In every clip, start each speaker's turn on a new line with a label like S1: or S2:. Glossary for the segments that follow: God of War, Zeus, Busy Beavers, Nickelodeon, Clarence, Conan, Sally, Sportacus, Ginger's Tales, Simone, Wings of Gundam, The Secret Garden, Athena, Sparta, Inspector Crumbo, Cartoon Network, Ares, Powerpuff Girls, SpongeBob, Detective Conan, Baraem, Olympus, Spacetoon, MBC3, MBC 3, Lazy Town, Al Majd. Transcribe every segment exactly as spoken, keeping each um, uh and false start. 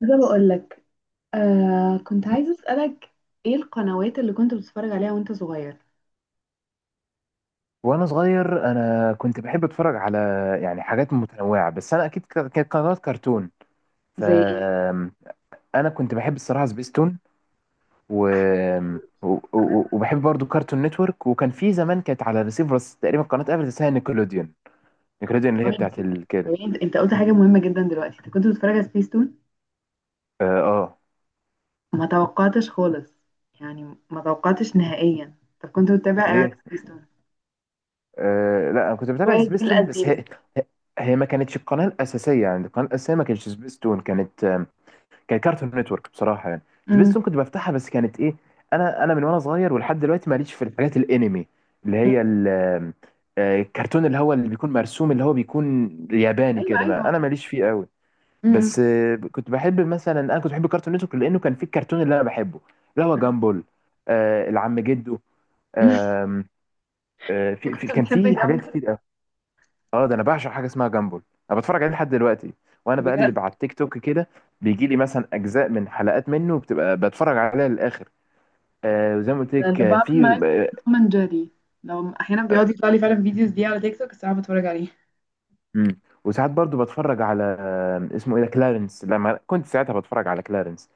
S1: ده بقول لك. آه كنت عايزة أسألك، ايه القنوات اللي كنت بتتفرج عليها وانت صغير؟
S2: وانا صغير، انا كنت بحب اتفرج على، يعني، حاجات متنوعه. بس انا اكيد ك- كانت قنوات كرتون. ف
S1: زي ايه؟
S2: انا كنت بحب الصراحه سبيستون، و... و... و... وبحب برضو كارتون نتورك. وكان في زمان كانت على ريسيفر، بس تقريبا قناه قبل اسمها نيكلوديون. نيكلوديون اللي هي
S1: أوي
S2: بتاعت
S1: نسيت.
S2: ال...
S1: طب،
S2: كده.
S1: انت قلت حاجة مهمة جدا دلوقتي، انت كنت بتتفرج على سبيستون؟
S2: اه آه.
S1: ما توقعتش خالص، يعني ما توقعتش نهائيا. طب كنت بتتابع ايه على
S2: ليه؟
S1: سبيستون؟
S2: آه لا، انا كنت بتابع
S1: شوية الجيل
S2: سبيستون بس
S1: القديم.
S2: هي، هي ما كانتش القناه الاساسيه. يعني القناه الاساسيه ما كانتش سبيستون، كانت كان كارتون نتورك، بصراحه، يعني.
S1: أمم،
S2: سبيستون كنت بفتحها بس كانت ايه. انا انا من وانا صغير ولحد دلوقتي ماليش في الحاجات الانمي، اللي
S1: أمم.
S2: هي ال- آه، الكرتون اللي هو اللي بيكون مرسوم، اللي هو بيكون ياباني
S1: ايوه
S2: كده. ما
S1: ايوه.
S2: انا ماليش فيه قوي.
S1: أمم،
S2: بس آه، كنت بحب مثلا انا كنت بحب كارتون نتورك لانه كان فيه الكرتون اللي انا بحبه، اللي هو جامبول. آه، العم جدو.
S1: أمم.
S2: آم، آه،
S1: انت
S2: في في-
S1: كنت
S2: كان
S1: بتحب
S2: فيه حاجات
S1: جنب؟
S2: كتير. اه، ده انا بعشق حاجه اسمها جامبل. انا بتفرج عليه لحد دلوقتي، وانا
S1: بجد؟
S2: بقلب على التيك توك كده بيجي لي مثلا اجزاء من حلقات منه بتبقى بتفرج عليها للاخر. آه وزي ما قلت
S1: انا
S2: لك،
S1: أنا
S2: آه،
S1: بعمل
S2: في
S1: معاك كده
S2: آه،
S1: توم اند جيري، لو احيانا بيقعد يطلع لي فعلا فيديوز دي على تيك توك الساعة بتفرج عليه.
S2: مم. وساعات برضو بتفرج على، آه، اسمه ايه ده، كلارنس. لما كنت ساعتها بتفرج على كلارنس،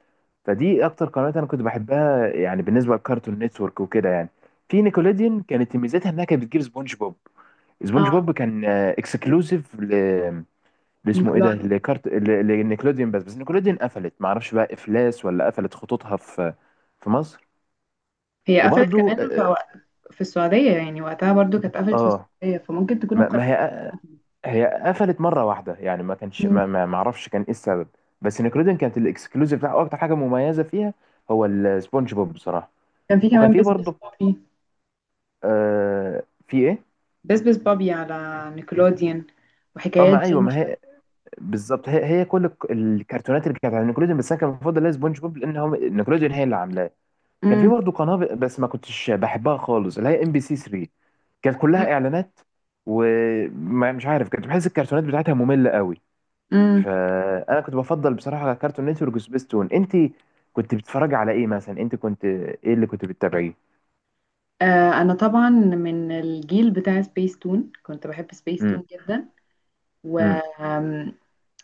S2: فدي اكتر قنوات انا كنت بحبها، يعني، بالنسبه لكارتون نتورك وكده، يعني. في نيكوليديان كانت ميزتها انها كانت بتجيب سبونج بوب. سبونج
S1: اه،
S2: بوب كان اكسكلوسيف، اللي اسمه ايه ده، لكارت لنيكلوديون. بس بس نيكلوديون قفلت، ما اعرفش بقى افلاس ولا قفلت خطوطها في في مصر.
S1: هي قفلت
S2: وبرضو
S1: كمان في
S2: اه
S1: وق- في السعودية، يعني وقتها برضو كانت
S2: آه،
S1: قفلت في
S2: آه،
S1: السعودية فممكن تكون
S2: ما
S1: القناة
S2: ما هي
S1: قفلت.
S2: هي قفلت مره واحده، يعني ما كانش،
S1: مم.
S2: ما ما ما اعرفش كان ايه السبب. بس نيكلوديون كانت الاكسكلوزيف بتاعه، اكتر حاجه مميزه فيها هو السبونج بوب، بصراحه.
S1: كان في
S2: وكان
S1: كمان
S2: في
S1: بس بس
S2: برضو،
S1: بابي.
S2: آه في ايه؟
S1: بس بس بابي على نيكلوديان،
S2: اه،
S1: وحكايات
S2: ما ايوه، ما
S1: جينجر.
S2: هي بالظبط. هي هي كل الك- الكرتونات اللي كانت على نيكلوديون، بس انا كان المفضل ليا سبونج بوب لان هو نيكلوديون هي اللي عاملاها. كان في
S1: مم.
S2: برضه قناه ب- بس ما كنتش بحبها خالص، اللي هي ام بي سي تلاتة. كانت
S1: مم.
S2: كلها اعلانات، ومش عارف، كنت بحس الكرتونات بتاعتها ممله قوي.
S1: مم.
S2: فانا كنت بفضل بصراحه على كارتون نتورك وسبيستون. انت كنت بتتفرجي على ايه مثلا؟ انت كنت ايه اللي كنت بتتابعيه؟
S1: آه أنا طبعا من الجيل بتاع سبيس تون، كنت بحب سبيس
S2: امم.
S1: تون جدا. و
S2: امم.
S1: آم،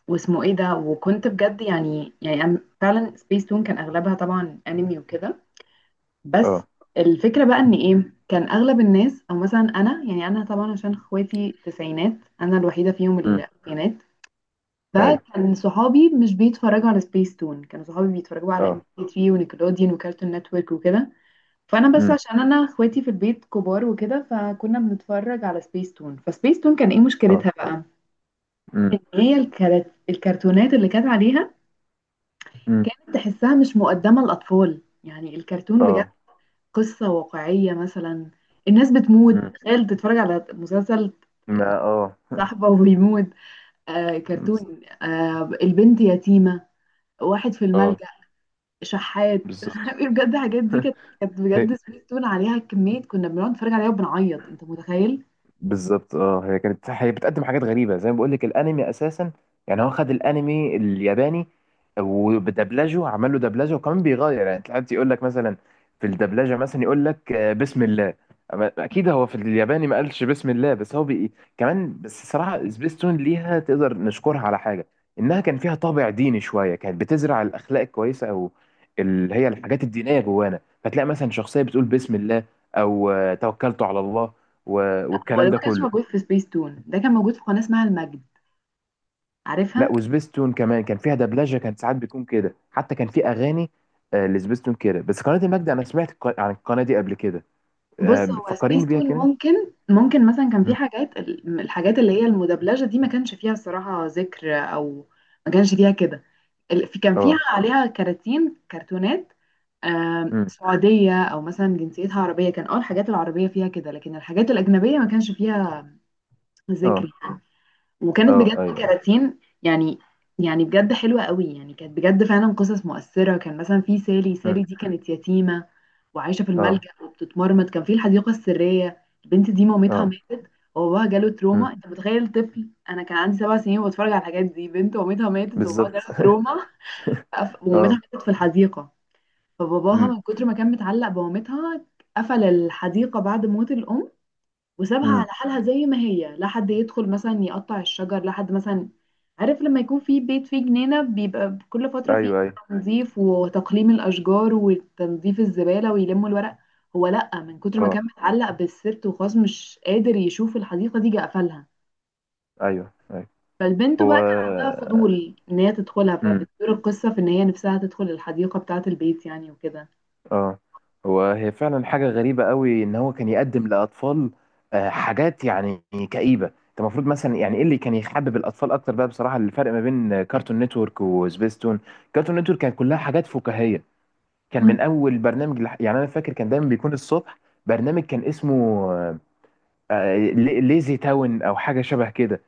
S1: واسمه ايه ده، وكنت بجد يعني يعني أنا فعلا سبيس تون كان اغلبها طبعا انمي وكده. بس
S2: اه.
S1: الفكرة بقى ان ايه، كان اغلب الناس او مثلا انا، يعني انا طبعا عشان اخواتي تسعينات، انا الوحيدة فيهم
S2: امم.
S1: اللي تسعينات.
S2: ايوه.
S1: فكان صحابي مش بيتفرجوا على سبيس تون، كانوا صحابي بيتفرجوا على ام بي
S2: اه.
S1: ثلاثة ونيكلوديان وكارتون نتورك وكده. فانا بس
S2: امم.
S1: عشان انا اخواتي في البيت كبار وكده، فكنا بنتفرج على سبيس تون. فسبيس تون كان ايه
S2: اه.
S1: مشكلتها بقى؟
S2: امم.
S1: إن هي الكرت- الكرتونات اللي كانت عليها
S2: امم.
S1: كانت تحسها مش مقدمة للاطفال، يعني الكرتون بجد
S2: اه.
S1: قصة واقعية مثلا. الناس بتموت،
S2: امم.
S1: تخيل تتفرج على مسلسل
S2: ما اه
S1: صاحبه ويموت. آه كرتون،
S2: بالظبط.
S1: آه البنت يتيمة، واحد في
S2: اه.
S1: الملجأ، شحات مش
S2: بالظبط.
S1: عارف إيه، بجد الحاجات دي كانت، كانت بجد سبيس تون عليها كمية، كنا بنقعد نتفرج عليها وبنعيط انت متخيل.
S2: بالظبط. اه. هي كانت هي بتقدم حاجات غريبه، زي ما بقول لك، الانمي اساسا. يعني هو خد الانمي الياباني، وبدبلجه، عمل له دبلجه، وكمان بيغير. يعني ساعات يقول لك مثلا في الدبلجه، مثلا يقول لك آه، بسم الله. أما اكيد هو في الياباني ما قالش بسم الله. بس هو بي... كمان. بس صراحه سبيستون ليها، تقدر نشكرها على حاجه، انها كان فيها طابع ديني شويه، كانت بتزرع الاخلاق الكويسه، او اللي هي الحاجات الدينيه، جوانا. فتلاقي مثلا شخصيه بتقول بسم الله، او آه، توكلت على الله، و-
S1: هو ده
S2: والكلام ده
S1: ما كانش
S2: كله.
S1: موجود في سبيس تون، ده كان موجود في قناة اسمها المجد،
S2: لا،
S1: عارفها؟
S2: وسبيستون كمان كان فيها دبلجه، كانت ساعات بيكون كده، حتى كان في اغاني، آه، لسبيستون كده. بس قناه المجد انا سمعت الق- عن القناه دي قبل كده.
S1: بص،
S2: آه،
S1: هو سبيس
S2: فكريني بيها
S1: تون
S2: كده.
S1: ممكن ممكن مثلا كان في
S2: مم.
S1: حاجات ال- الحاجات اللي هي المدبلجة دي ما كانش فيها الصراحة ذكر، أو ما كانش فيها كده. ال- في- كان فيها
S2: اه.
S1: عليها كراتين كرتونات، آم،
S2: مم.
S1: سعودية أو مثلا جنسيتها عربية، كان أول الحاجات العربية فيها كده، لكن الحاجات الأجنبية ما كانش فيها ذكر.
S2: اه.
S1: وكانت
S2: اه.
S1: بجد
S2: ايوه.
S1: كراتين يعني، يعني بجد حلوة قوي، يعني كانت بجد فعلا قصص مؤثرة. كان مثلا في سالي، سالي
S2: مم.
S1: دي كانت يتيمة وعايشة في
S2: اه.
S1: الملجأ وبتتمرمط. كان في الحديقة السرية، البنت دي مامتها
S2: اه.
S1: ماتت وباباها جاله
S2: مم.
S1: تروما، انت متخيل طفل؟ انا كان عندي سبع سنين وبتفرج على الحاجات دي، بنت مامتها ماتت وباباها
S2: بالظبط.
S1: جاله تروما، فقف- ومامتها
S2: اه.
S1: ماتت في الحديقة، فباباها
S2: مم.
S1: من كتر ما كان متعلق بمامتها قفل الحديقة بعد موت الأم، وسابها على
S2: مم.
S1: حالها زي ما هي، لا حد يدخل مثلا يقطع الشجر، لا حد مثلا، عارف لما يكون في بيت فيه جنينة بيبقى كل فترة فيه
S2: ايوه ايوه.
S1: تنظيف وتقليم الأشجار وتنظيف الزبالة ويلموا الورق؟ هو لأ، من كتر ما كان
S2: اه.
S1: متعلق بالسيرت وخلاص مش قادر يشوف الحديقة دي، جه قفلها.
S2: ايوه ايوه.
S1: فالبنت
S2: هو
S1: بقى كان عندها فضول إن هي تدخلها، فبتدور القصة في إن هي نفسها تدخل الحديقة بتاعة البيت يعني وكده.
S2: اه هو هي فعلا حاجة غريبة قوي، ان هو كان يقدم لأطفال آه، حاجات، يعني، كئيبة. انت المفروض، مثلا، يعني ايه اللي كان يحبب الأطفال اكتر بقى؟ بصراحة الفرق ما بين آه، كارتون نتورك وسبيستون، كارتون نتورك كانت كلها حاجات فكاهية. كان
S1: مم.
S2: من اول برنامج لح- يعني انا فاكر كان دايما بيكون الصبح برنامج كان اسمه آه، آه، لي- ليزي تاون او حاجه شبه كده.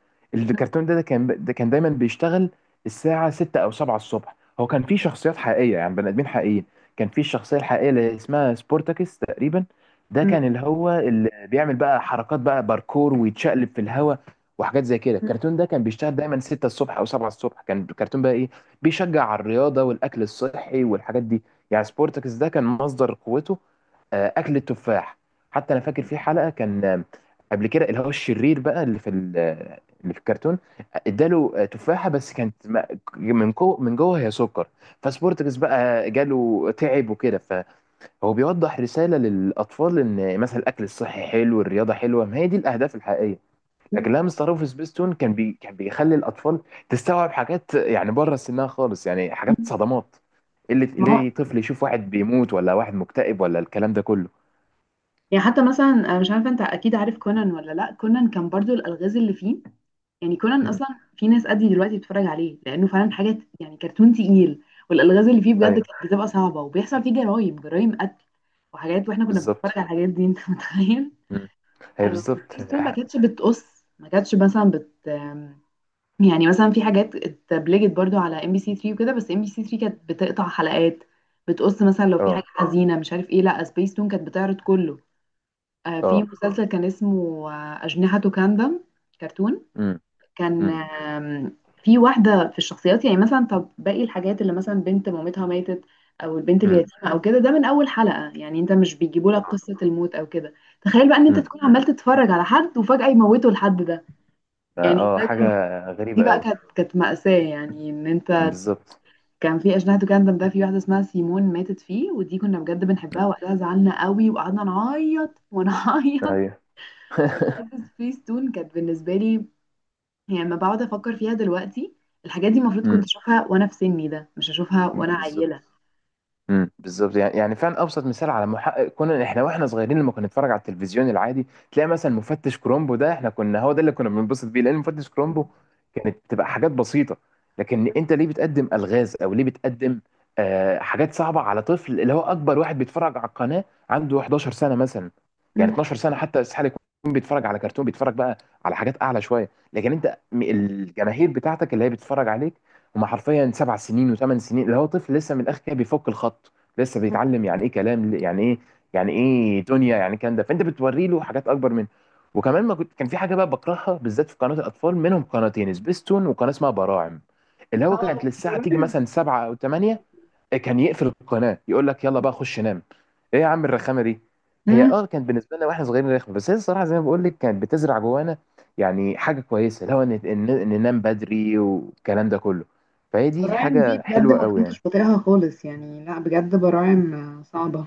S1: مم.
S2: الكرتون ده، ده كان ده كان دايما بيشتغل الساعه ستة او السابعة الصبح. هو كان فيه شخصيات حقيقيه، يعني بني ادمين حقيقيين. كان فيه الشخصيه الحقيقيه اللي اسمها سبورتاكس، تقريبا. ده
S1: مم.
S2: كان اللي هو اللي بيعمل بقى حركات بقى، باركور، ويتشقلب في الهواء وحاجات زي كده.
S1: مم.
S2: الكرتون ده كان بيشتغل دايما ستة الصبح او سبعة الصبح. كان الكرتون بقى ايه، بيشجع على الرياضه والاكل الصحي والحاجات دي. يعني سبورتاكس ده كان مصدر قوته آه، اكل التفاح. حتى انا فاكر في حلقه، كان قبل كده اللي هو الشرير بقى اللي في ال- اللي في الكرتون، اداله تفاحه بس كانت، م- من جوه، من جوه هي سكر. فسبورتكس بقى جاله تعب وكده، فهو بيوضح رساله للاطفال ان مثلا الاكل الصحي حلو، الرياضه حلوه، ما هي دي الاهداف الحقيقيه. لكن لما مستر في سبيستون، كان بي كان بيخلي الاطفال تستوعب حاجات يعني بره سنها خالص، يعني حاجات
S1: مم.
S2: صدمات. اللي
S1: ما هو
S2: ليه طفل يشوف واحد بيموت، ولا واحد مكتئب، ولا الكلام ده كله.
S1: يعني، حتى مثلا انا مش عارفه انت اكيد عارف كونان ولا لا، كونان كان برضو الالغاز اللي فيه، يعني كونان
S2: مم.
S1: اصلا في ناس قدي دلوقتي بتتفرج عليه لانه فعلا حاجه ت- يعني كرتون تقيل، والالغاز اللي فيه بجد
S2: ايوه.
S1: كانت بتبقى صعبه، وبيحصل فيه جرايم جرايم قتل وحاجات، واحنا كنا بنتفرج
S2: بالظبط.
S1: على الحاجات دي انت متخيل؟
S2: مم. هي
S1: آه،
S2: بالظبط.
S1: وسبيس تون ما كانتش بتقص، ما كانتش مثلا بت آم، يعني مثلا في حاجات اتبلجت برضو على ام بي سي ثلاثة وكده، بس ام بي سي ثلاثة كانت بتقطع حلقات، بتقص مثلا لو في حاجه
S2: اه.
S1: حزينه مش عارف ايه، لا سبيس تون كانت بتعرض كله. آه، في
S2: اه.
S1: مسلسل كان اسمه آه، أجنحة كاندم، كرتون.
S2: امم.
S1: كان
S2: امم.
S1: آم، في واحدة في الشخصيات، يعني مثلا طب باقي الحاجات اللي مثلا بنت مامتها ماتت أو البنت
S2: امم.
S1: اليتيمة أو كده، ده من أول حلقة، يعني أنت مش بيجيبوا لك قصة الموت أو كده، تخيل بقى إن أنت
S2: امم.
S1: تكون عمال تتفرج على حد وفجأة يموتوا الحد ده، يعني
S2: اه،
S1: ده
S2: حاجة
S1: كان، دي
S2: غريبة
S1: بقى
S2: قوي.
S1: كانت كانت مأساة، يعني إن أنت
S2: بالظبط.
S1: كان في أجنحة كاندم ده في واحدة اسمها سيمون ماتت فيه، ودي كنا بجد
S2: مم.
S1: بنحبها وقتها، زعلنا قوي وقعدنا نعيط ونعيط.
S2: ايوه.
S1: بجد سبيس تون كانت بالنسبة لي، يعني لما بقعد أفكر فيها دلوقتي، الحاجات دي المفروض كنت
S2: امم.
S1: أشوفها وأنا في سني ده، مش أشوفها وأنا عيلة.
S2: بالظبط. امم. بالظبط. يعني يعني فعلا ابسط مثال على محقق كونان. احنا واحنا صغيرين لما كنا نتفرج على التلفزيون العادي، تلاقي مثلا مفتش كرومبو ده، احنا كنا، هو ده اللي كنا بننبسط بيه، لان مفتش كرومبو كانت بتبقى حاجات بسيطه. لكن انت ليه بتقدم الغاز او ليه بتقدم آه حاجات صعبه على طفل؟ اللي هو اكبر واحد بيتفرج على القناه عنده حداشر سنه مثلا، يعني
S1: مم.
S2: اتناشر سنه. حتى استحاله يكون بيتفرج على كرتون، بيتفرج بقى على حاجات اعلى شويه. لكن انت، م- الجماهير بتاعتك اللي هي بتتفرج عليك هما حرفيا سبع سنين وثمان سنين، اللي هو طفل لسه من الاخر كده، بيفك الخط لسه، بيتعلم يعني ايه كلام، يعني ايه، يعني ايه دنيا، يعني كان ده. فانت بتوري له حاجات اكبر منه. وكمان ما كنت كان في حاجه بقى بكرهها بالذات في قناه الاطفال، منهم قناتين، سبيستون وقناه اسمها براعم، اللي هو كانت
S1: اه،
S2: للساعه تيجي
S1: براعم.
S2: مثلا سبعة او تمانية، كان يقفل القناه يقول لك يلا بقى خش نام. ايه يا عم الرخامه دي؟ هي،
S1: مم.
S2: اه كانت بالنسبه لنا واحنا صغيرين رخمه، بس هي الصراحه زي ما بقول لك كانت بتزرع جوانا يعني حاجه كويسه، لو ان إن- إن ننام بدري والكلام ده كله. فهي دي
S1: براعم دي
S2: حاجه
S1: بجد
S2: حلوه
S1: ما
S2: قوي، يعني.
S1: كنتش بطيقها خالص، يعني لا بجد، براعم آه، صعبة.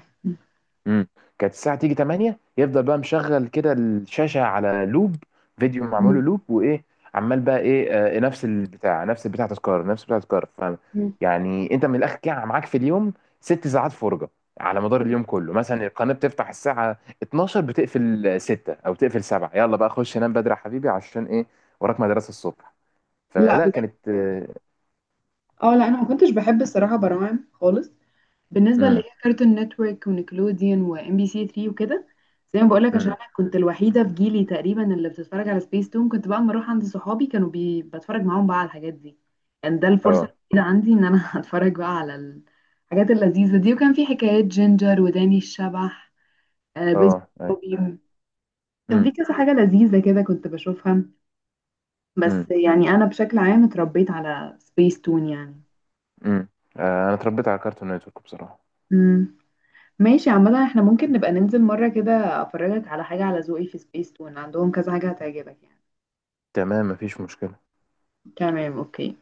S2: امم كانت الساعة تيجي تمانية يفضل بقى مشغل كده الشاشة على لوب، فيديو معمول له
S1: مم.
S2: لوب. وإيه، عمال بقى إيه، آه نفس البتاع، نفس البتاع تذكار، نفس البتاع تذكار. ف
S1: مم.
S2: يعني أنت من الآخر كده معاك في اليوم ست ساعات فرجة على مدار اليوم كله. مثلا القناة بتفتح الساعة اتناشر بتقفل ستة أو تقفل سبعة. يلا بقى خش نام بدري يا حبيبي عشان إيه؟ وراك مدرسة الصبح.
S1: لا
S2: فلا
S1: بجد.
S2: كانت
S1: اه لا، انا ما كنتش بحب الصراحة براعم خالص. بالنسبه اللي هي
S2: امم.
S1: كارتون نتورك ونيكلوديان وام بي سي ثلاثة وكده، زي ما بقولك عشان
S2: امم.
S1: انا كنت الوحيده في جيلي تقريبا اللي بتتفرج على سبيس تون، كنت بقى اما اروح عند صحابي كانوا بي... بتفرج معاهم بقى على الحاجات دي، كان ده الفرصه
S2: اه.
S1: الوحيده عندي ان انا اتفرج بقى على الحاجات اللذيذه دي. وكان في حكايات جينجر وداني الشبح آه بيز
S2: اه. أي.
S1: بوبي. كان
S2: امم.
S1: في كذا حاجه لذيذه كده كنت بشوفها،
S2: امم.
S1: بس يعني انا بشكل عام اتربيت على سبيس تون
S2: امم. آه، انا اتربيت على كارتون نتورك، بصراحة.
S1: يعني. ماشي، عامة احنا ممكن نبقى ننزل مرة كده افرجك على حاجة على ذوقي، في سبيس تون عندهم كذا حاجة هتعجبك يعني.
S2: تمام، مفيش مشكلة.
S1: تمام، اوكي.